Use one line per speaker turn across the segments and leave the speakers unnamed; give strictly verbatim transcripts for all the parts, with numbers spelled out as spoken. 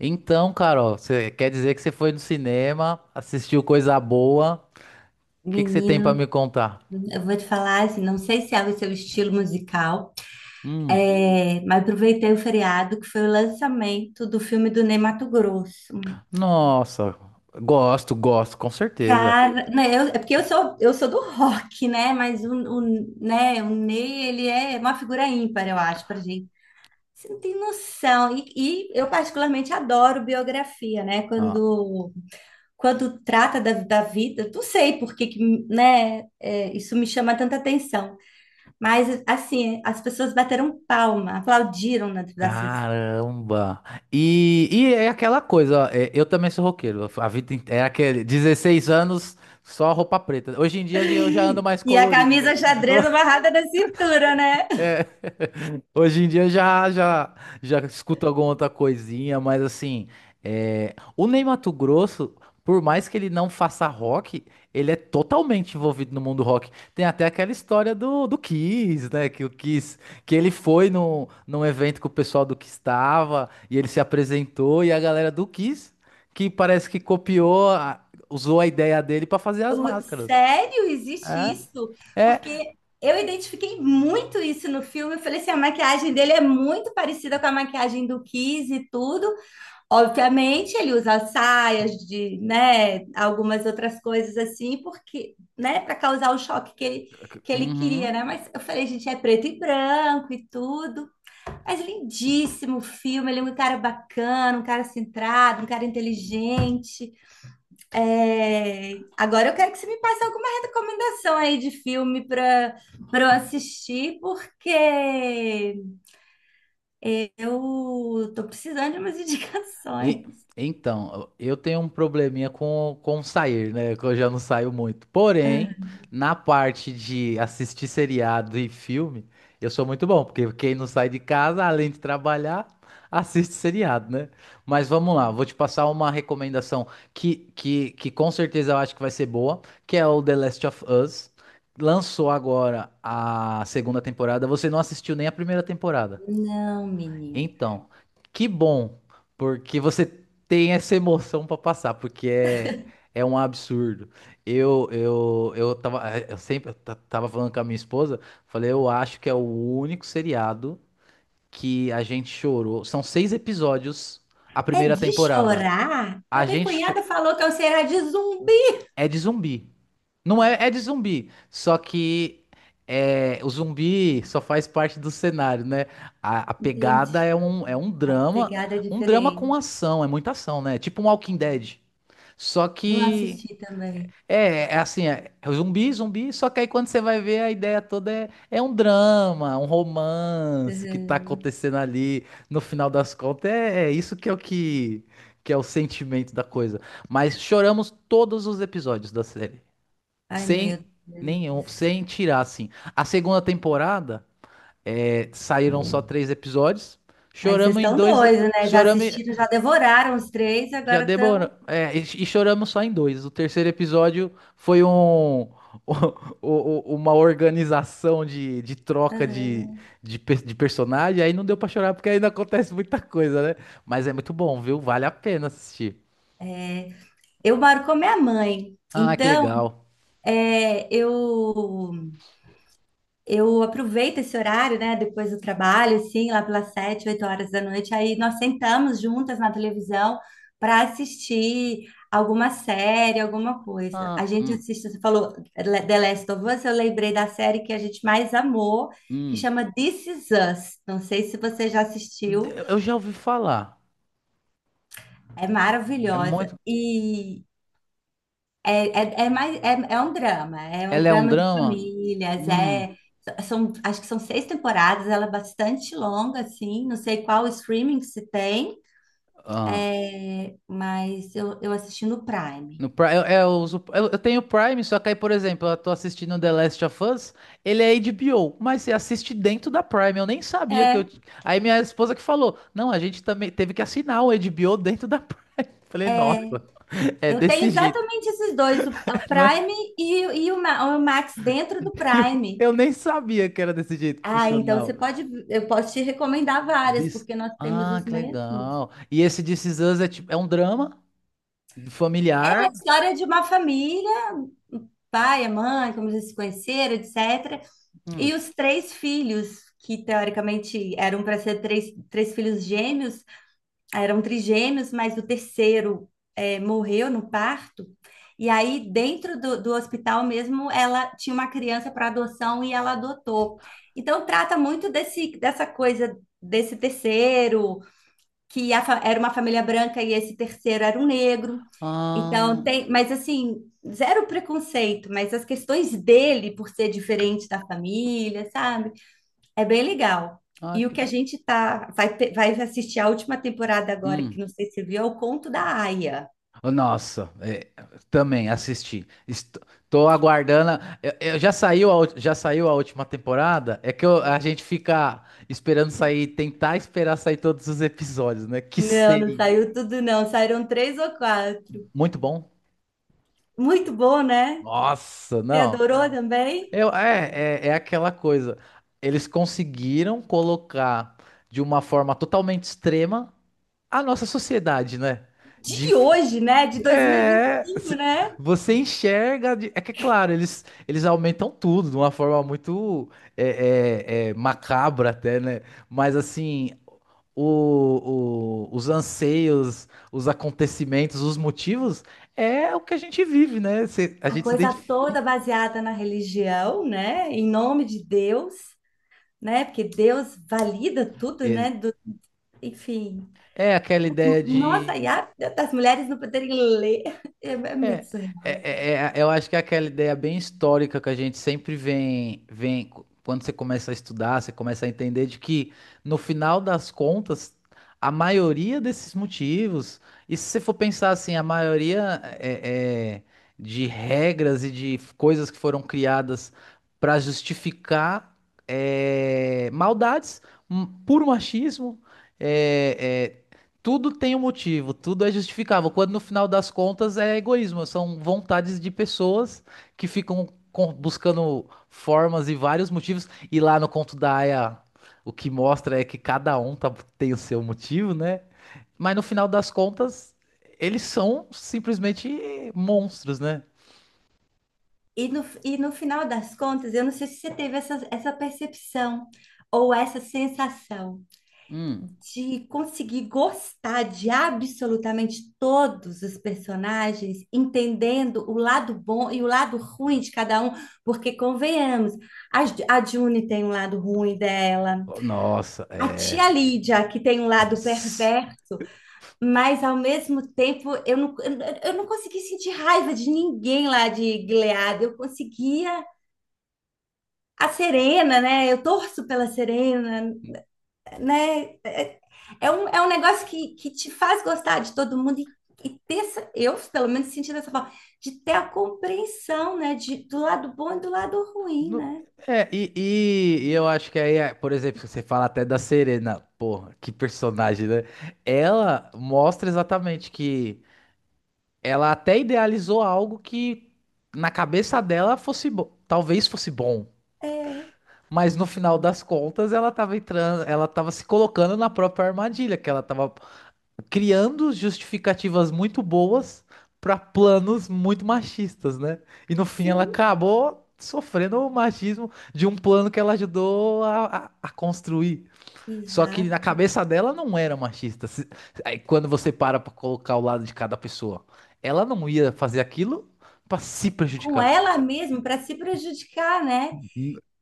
Então, Carol, você quer dizer que você foi no cinema, assistiu coisa boa? O que que você tem pra
Menino,
me contar?
eu vou te falar assim, não sei se é o seu estilo musical,
Hum,
é, mas aproveitei o feriado que foi o lançamento do filme do Ney Matogrosso.
nossa, gosto, gosto, com certeza.
Cara, né, eu- é porque eu sou eu sou do rock, né? Mas o, o, né, o Ney ele é uma figura ímpar, eu acho, pra gente. Você não tem noção. E, e eu particularmente adoro biografia, né?
Ah,
Quando quando trata da, da vida, não sei por que, que, né, é, isso me chama tanta atenção. Mas, assim, as pessoas bateram palma, aplaudiram na da sessão.
caramba. E, e é aquela coisa, ó, é, eu também sou roqueiro. A vida inte- é aquele dezesseis anos só roupa preta. Hoje em dia eu já ando mais
E a
colorido já.
camisa xadrez amarrada na cintura, né?
Hoje em dia eu já já já escuto alguma outra coisinha, mas assim, é, o Ney Matogrosso, por mais que ele não faça rock, ele é totalmente envolvido no mundo rock. Tem até aquela história do, do Kiss, né? Que o Kiss, que ele foi no, num evento que o pessoal do Kiss estava e ele se apresentou e a galera do Kiss, que parece que copiou, a- usou a ideia dele para fazer as
O-
máscaras.
sério, existe
É,
isso?
é.
Porque eu identifiquei muito isso no filme. Eu falei assim, a maquiagem dele é muito parecida com a maquiagem do Kiss e tudo. Obviamente, ele usa saias de, né, algumas outras coisas assim, porque, né, para causar o choque que ele, que ele queria,
Uhum.
né? Mas eu falei, gente, é preto e branco e tudo. Mas lindíssimo o filme, ele é um cara bacana, um cara centrado, um cara inteligente. É, Agora eu quero que você me passe alguma recomendação aí de filme para para eu assistir, porque eu tô precisando de umas
E-
indicações.
então, eu tenho um probleminha com, com sair, né? Que eu já não saio muito. Porém, na parte de assistir seriado e filme, eu sou muito bom, porque quem não sai de casa, além de trabalhar, assiste seriado, né? Mas vamos lá, vou te passar uma recomendação que, que, que com certeza eu acho que vai ser boa, que é o The Last of Us. Lançou agora a segunda temporada. Você não assistiu nem a primeira temporada.
Não, menina.
Então, que bom, porque você tem essa emoção pra passar, porque é, é um absurdo. Eu eu eu tava eu sempre ta- tava falando com a minha esposa, falei, eu acho que é o único seriado que a gente chorou. São seis episódios a
É
primeira
de
temporada.
chorar? A
A
minha
gente cho-
cunhada falou que é o Será de zumbi.
é de zumbi. Não é, é de zumbi. Só que é, o zumbi só faz parte do cenário, né? A, a
Entendi.
pegada é um, é um
A
drama.
pegada é
Um drama com
diferente.
ação. É muita ação, né? Tipo um Walking Dead. Só
Não
que.
assisti também.
É, é assim, é é zumbi, zumbi, só que aí quando você vai ver a ideia toda é, é um drama, um romance que tá
Uhum.
acontecendo ali, no final das contas, é, é isso que é o que, que é o sentimento da coisa. Mas choramos todos os episódios da série.
Ai, meu
Sem
Deus.
nenhum, sem tirar, assim. A segunda temporada é, saíram só três episódios.
Aí vocês
Choramos em
estão
dois.
doidos, né? Já
Choramos. em-
assistiram, já devoraram os três,
Já
agora estão.
demorou. É, e, e choramos só em dois. O terceiro episódio foi um. o- o- Uma organização de, de troca de, de, pe- de personagem, aí não deu pra chorar porque ainda acontece muita coisa, né? Mas é muito bom, viu? Vale a pena assistir.
Eu moro com a minha mãe.
Ah, que
Então,
legal.
é, eu eu aproveito esse horário, né? Depois do trabalho, assim, lá pelas sete, oito horas da noite. Aí nós sentamos juntas na televisão para assistir alguma série, alguma coisa.
Ah,
A gente
hum,
assiste, você falou The Last of Us, eu lembrei da série que a gente mais amou, que
hum.
chama This Is Us. Não sei se você já assistiu.
De- Eu já ouvi falar.
É
É
maravilhosa.
muito.
E é, é, é mais, é, é um drama, é um
Ela é um
drama de
drama?
famílias,
Hum.
é, são, acho que são seis temporadas, ela é bastante longa, assim, não sei qual streaming que se tem,
Ah.
é, mas eu, eu assisti no Prime.
No Prime, eu, é, eu uso- eu- eu tenho Prime, só que aí, por exemplo, eu tô assistindo The Last of Us, ele é H B O, mas você assiste dentro da Prime, eu nem sabia que eu...
É,
t- Aí minha esposa que falou, não, a gente também teve que assinar o H B O dentro da Prime. Falei, nossa,
é,
é
eu tenho
desse jeito,
exatamente esses dois, o, o
não é?
Prime e, e o, Ma- o Max dentro do
Eu,
Prime.
eu nem sabia que era desse jeito que
Ah, então você
funcionava.
pode, eu posso te recomendar várias,
This-
porque nós temos
Ah,
os
que
mesmos.
legal. E esse This Is Us é, tipo, é um drama
É a
familiar?
história de uma família, o pai, a mãe, como eles se conheceram, etecetera.
Hum.
E os três filhos, que teoricamente eram para ser três, três filhos gêmeos, eram trigêmeos, mas o terceiro eh, morreu no parto. E aí, dentro do, do hospital mesmo, ela tinha uma criança para adoção e ela adotou. Então, trata muito desse, dessa coisa desse terceiro, que a fa- era uma família branca e esse terceiro era um negro. Então
Ah,
tem, mas assim, zero preconceito, mas as questões dele por ser diferente da família, sabe? É bem legal.
ah,
E o que a gente tá vai, pe- vai assistir a última temporada agora,
hum,
que não sei se viu, é o Conto da Aia.
oh, nossa, é, também assisti. Estou aguardando. Eu, eu- já saiu a, ult- já saiu a última temporada? É que eu- a gente fica esperando sair, tentar esperar sair todos os episódios, né? Que
Não, não
seria
saiu tudo não, saíram três ou quatro.
muito bom.
Muito bom, né?
Nossa,
Você
não.
adorou também?
Eu, é, é, é aquela coisa. Eles conseguiram colocar de uma forma totalmente extrema a nossa sociedade, né? De
De hoje, né? De
é,
dois mil e vinte e cinco,
se-
né?
você enxerga. de- É que, é claro, eles, eles aumentam tudo de uma forma muito é, é, é, macabra, até, né? Mas, assim, o- o- os anseios, os acontecimentos, os motivos é o que a gente vive, né? Se- a
A
gente se
coisa
identifica.
toda baseada na religião, né? Em nome de Deus, né? Porque Deus valida tudo,
É,
né? Do- enfim.
é aquela ideia
Nossa, e
de
a, das mulheres não poderem ler é, é muito
É,
surreal,
é,
cara.
é- é- eu acho que é aquela ideia bem histórica que a gente sempre vem, vem co- quando você começa a estudar, você começa a entender de que no final das contas, a maioria desses motivos, e se você for pensar assim, a maioria é, é, de regras e de f- coisas que foram criadas para justificar é, maldades, um, puro machismo. é, é, tudo tem um motivo, tudo é justificável, quando no final das contas é egoísmo, são vontades de pessoas que ficam com- buscando formas e vários motivos, e lá no conto da Aya, o que mostra é que cada um tá- tem o seu motivo, né? Mas no final das contas, eles são simplesmente monstros, né?
E no, e no final das contas, eu não sei se você teve essa, essa percepção ou essa sensação,
Hum.
de conseguir gostar de absolutamente todos os personagens, entendendo o lado bom e o lado ruim de cada um, porque convenhamos, a, Ju- a June tem um lado ruim dela,
Nossa,
a
é.
tia Lídia, que tem um lado perverso, mas ao mesmo tempo eu não, eu, não eu não consegui sentir raiva de ninguém lá de Gilead, eu conseguia. A Serena, né? Eu torço pela Serena, né? É um, é um negócio que, que te faz gostar de todo mundo e, e ter, essa- eu pelo menos senti dessa forma, de ter a compreensão, né, de, do lado bom e do lado ruim,
No-
né?
É, e, e- e eu acho que aí, é, por exemplo, você fala até da Serena, porra, que personagem, né? Ela mostra exatamente que ela até idealizou algo que na cabeça dela fosse bom, talvez fosse bom,
É,
mas no final das contas ela tava entrando, ela tava se colocando na própria armadilha, que ela tava criando justificativas muito boas para planos muito machistas, né? E no fim ela
sim,
acabou sofrendo o machismo de um plano que ela ajudou a, a- a construir. Só que na
exato.
cabeça dela não era machista. Se- aí quando você para para colocar o lado de cada pessoa, ela não ia fazer aquilo para se
Com
prejudicar.
ela mesma, para se prejudicar, né?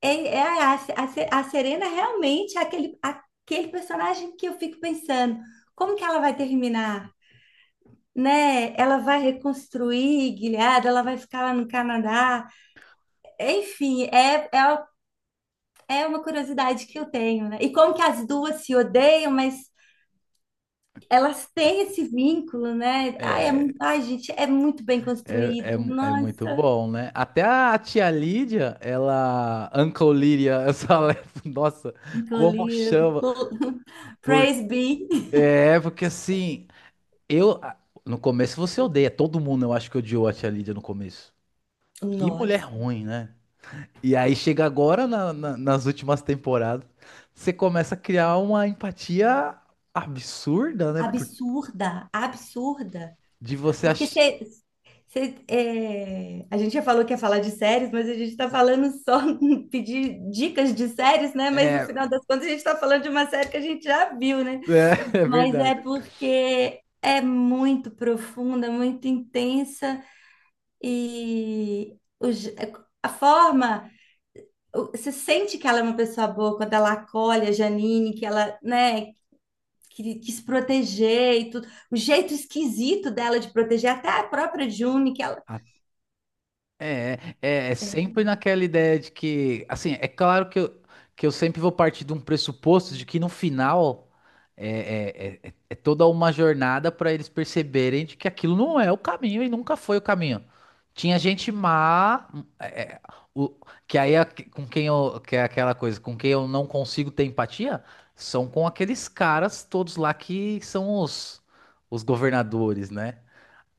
É, é a, a, Se- a Serena realmente é aquele, aquele personagem que eu fico pensando, como que ela vai terminar? Né? Ela vai reconstruir Gilead, ela vai ficar lá no Canadá. Enfim, é, é é uma curiosidade que eu tenho, né? E como que as duas se odeiam, mas elas têm esse vínculo, né? Ai, é,
É,
mu- ai, gente, é muito bem
é,
construído.
é, é muito
Nossa,
bom, né? Até a tia Lídia, ela. Uncle Lídia, essa. Nossa, como
Nicolina.
chama? Por...
Praise be.
É, porque assim, eu. a- no começo você odeia, todo mundo eu acho que odiou a Tia Lídia no começo. Que mulher
Nossa,
ruim, né? E aí chega agora na- na- nas últimas temporadas, você começa a criar uma empatia absurda, né? Por-
absurda, absurda.
de você
Porque
achar.
você, você, é, a gente já falou que ia falar de séries, mas a gente está falando só pedir dicas de séries, né? Mas no
É,
final das contas a gente está falando de uma série que a gente já viu, né?
é, é
Mas é
verdade.
porque é muito profunda, muito intensa e o je- a forma, o- você sente que ela é uma pessoa boa quando ela acolhe a Janine, que ela, né, que quis proteger e tudo. O jeito esquisito dela de proteger, até a própria June, que ela,
É, é, é sempre naquela ideia de que, assim, é claro que eu, que eu sempre vou partir de um pressuposto de que no final é, é- é- é é toda uma jornada para eles perceberem de que aquilo não é o caminho e nunca foi o caminho. Tinha gente má, é, é, o- que aí é que- com quem eu, que é aquela coisa, com quem eu não consigo ter empatia, são com aqueles caras todos lá que são os, os governadores, né?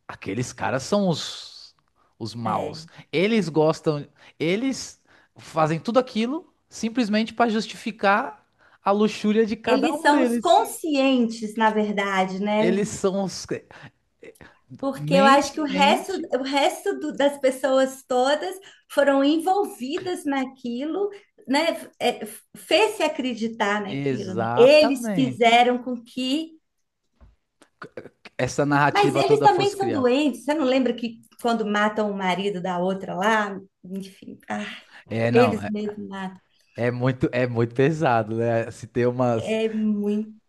Aqueles caras são os, os
é,
maus. Eles gostam, eles fazem tudo aquilo simplesmente para justificar a luxúria de cada
eles
um
são os
deles.
conscientes, na verdade, né?
Eles são os.
Porque eu acho
Mente,
que o resto,
mente.
o resto do- das pessoas todas foram envolvidas naquilo, né? É, fez-se acreditar naquilo, né? Eles
Exatamente.
fizeram com que.
Essa
Mas
narrativa
eles
toda
também
fosse
são
criada.
doentes. Você não lembra que quando matam o marido da outra lá? Enfim, ah,
É, não,
eles
é,
mesmos matam.
é muito, é muito pesado, né? Se tem umas.
É muito,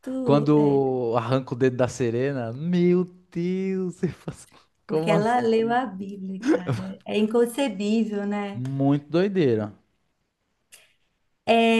é,
Quando arranca o dedo da Serena, meu Deus, você faz...
porque
como
ela
assim?
leu a Bíblia, cara. É inconcebível, né?
Muito doideira.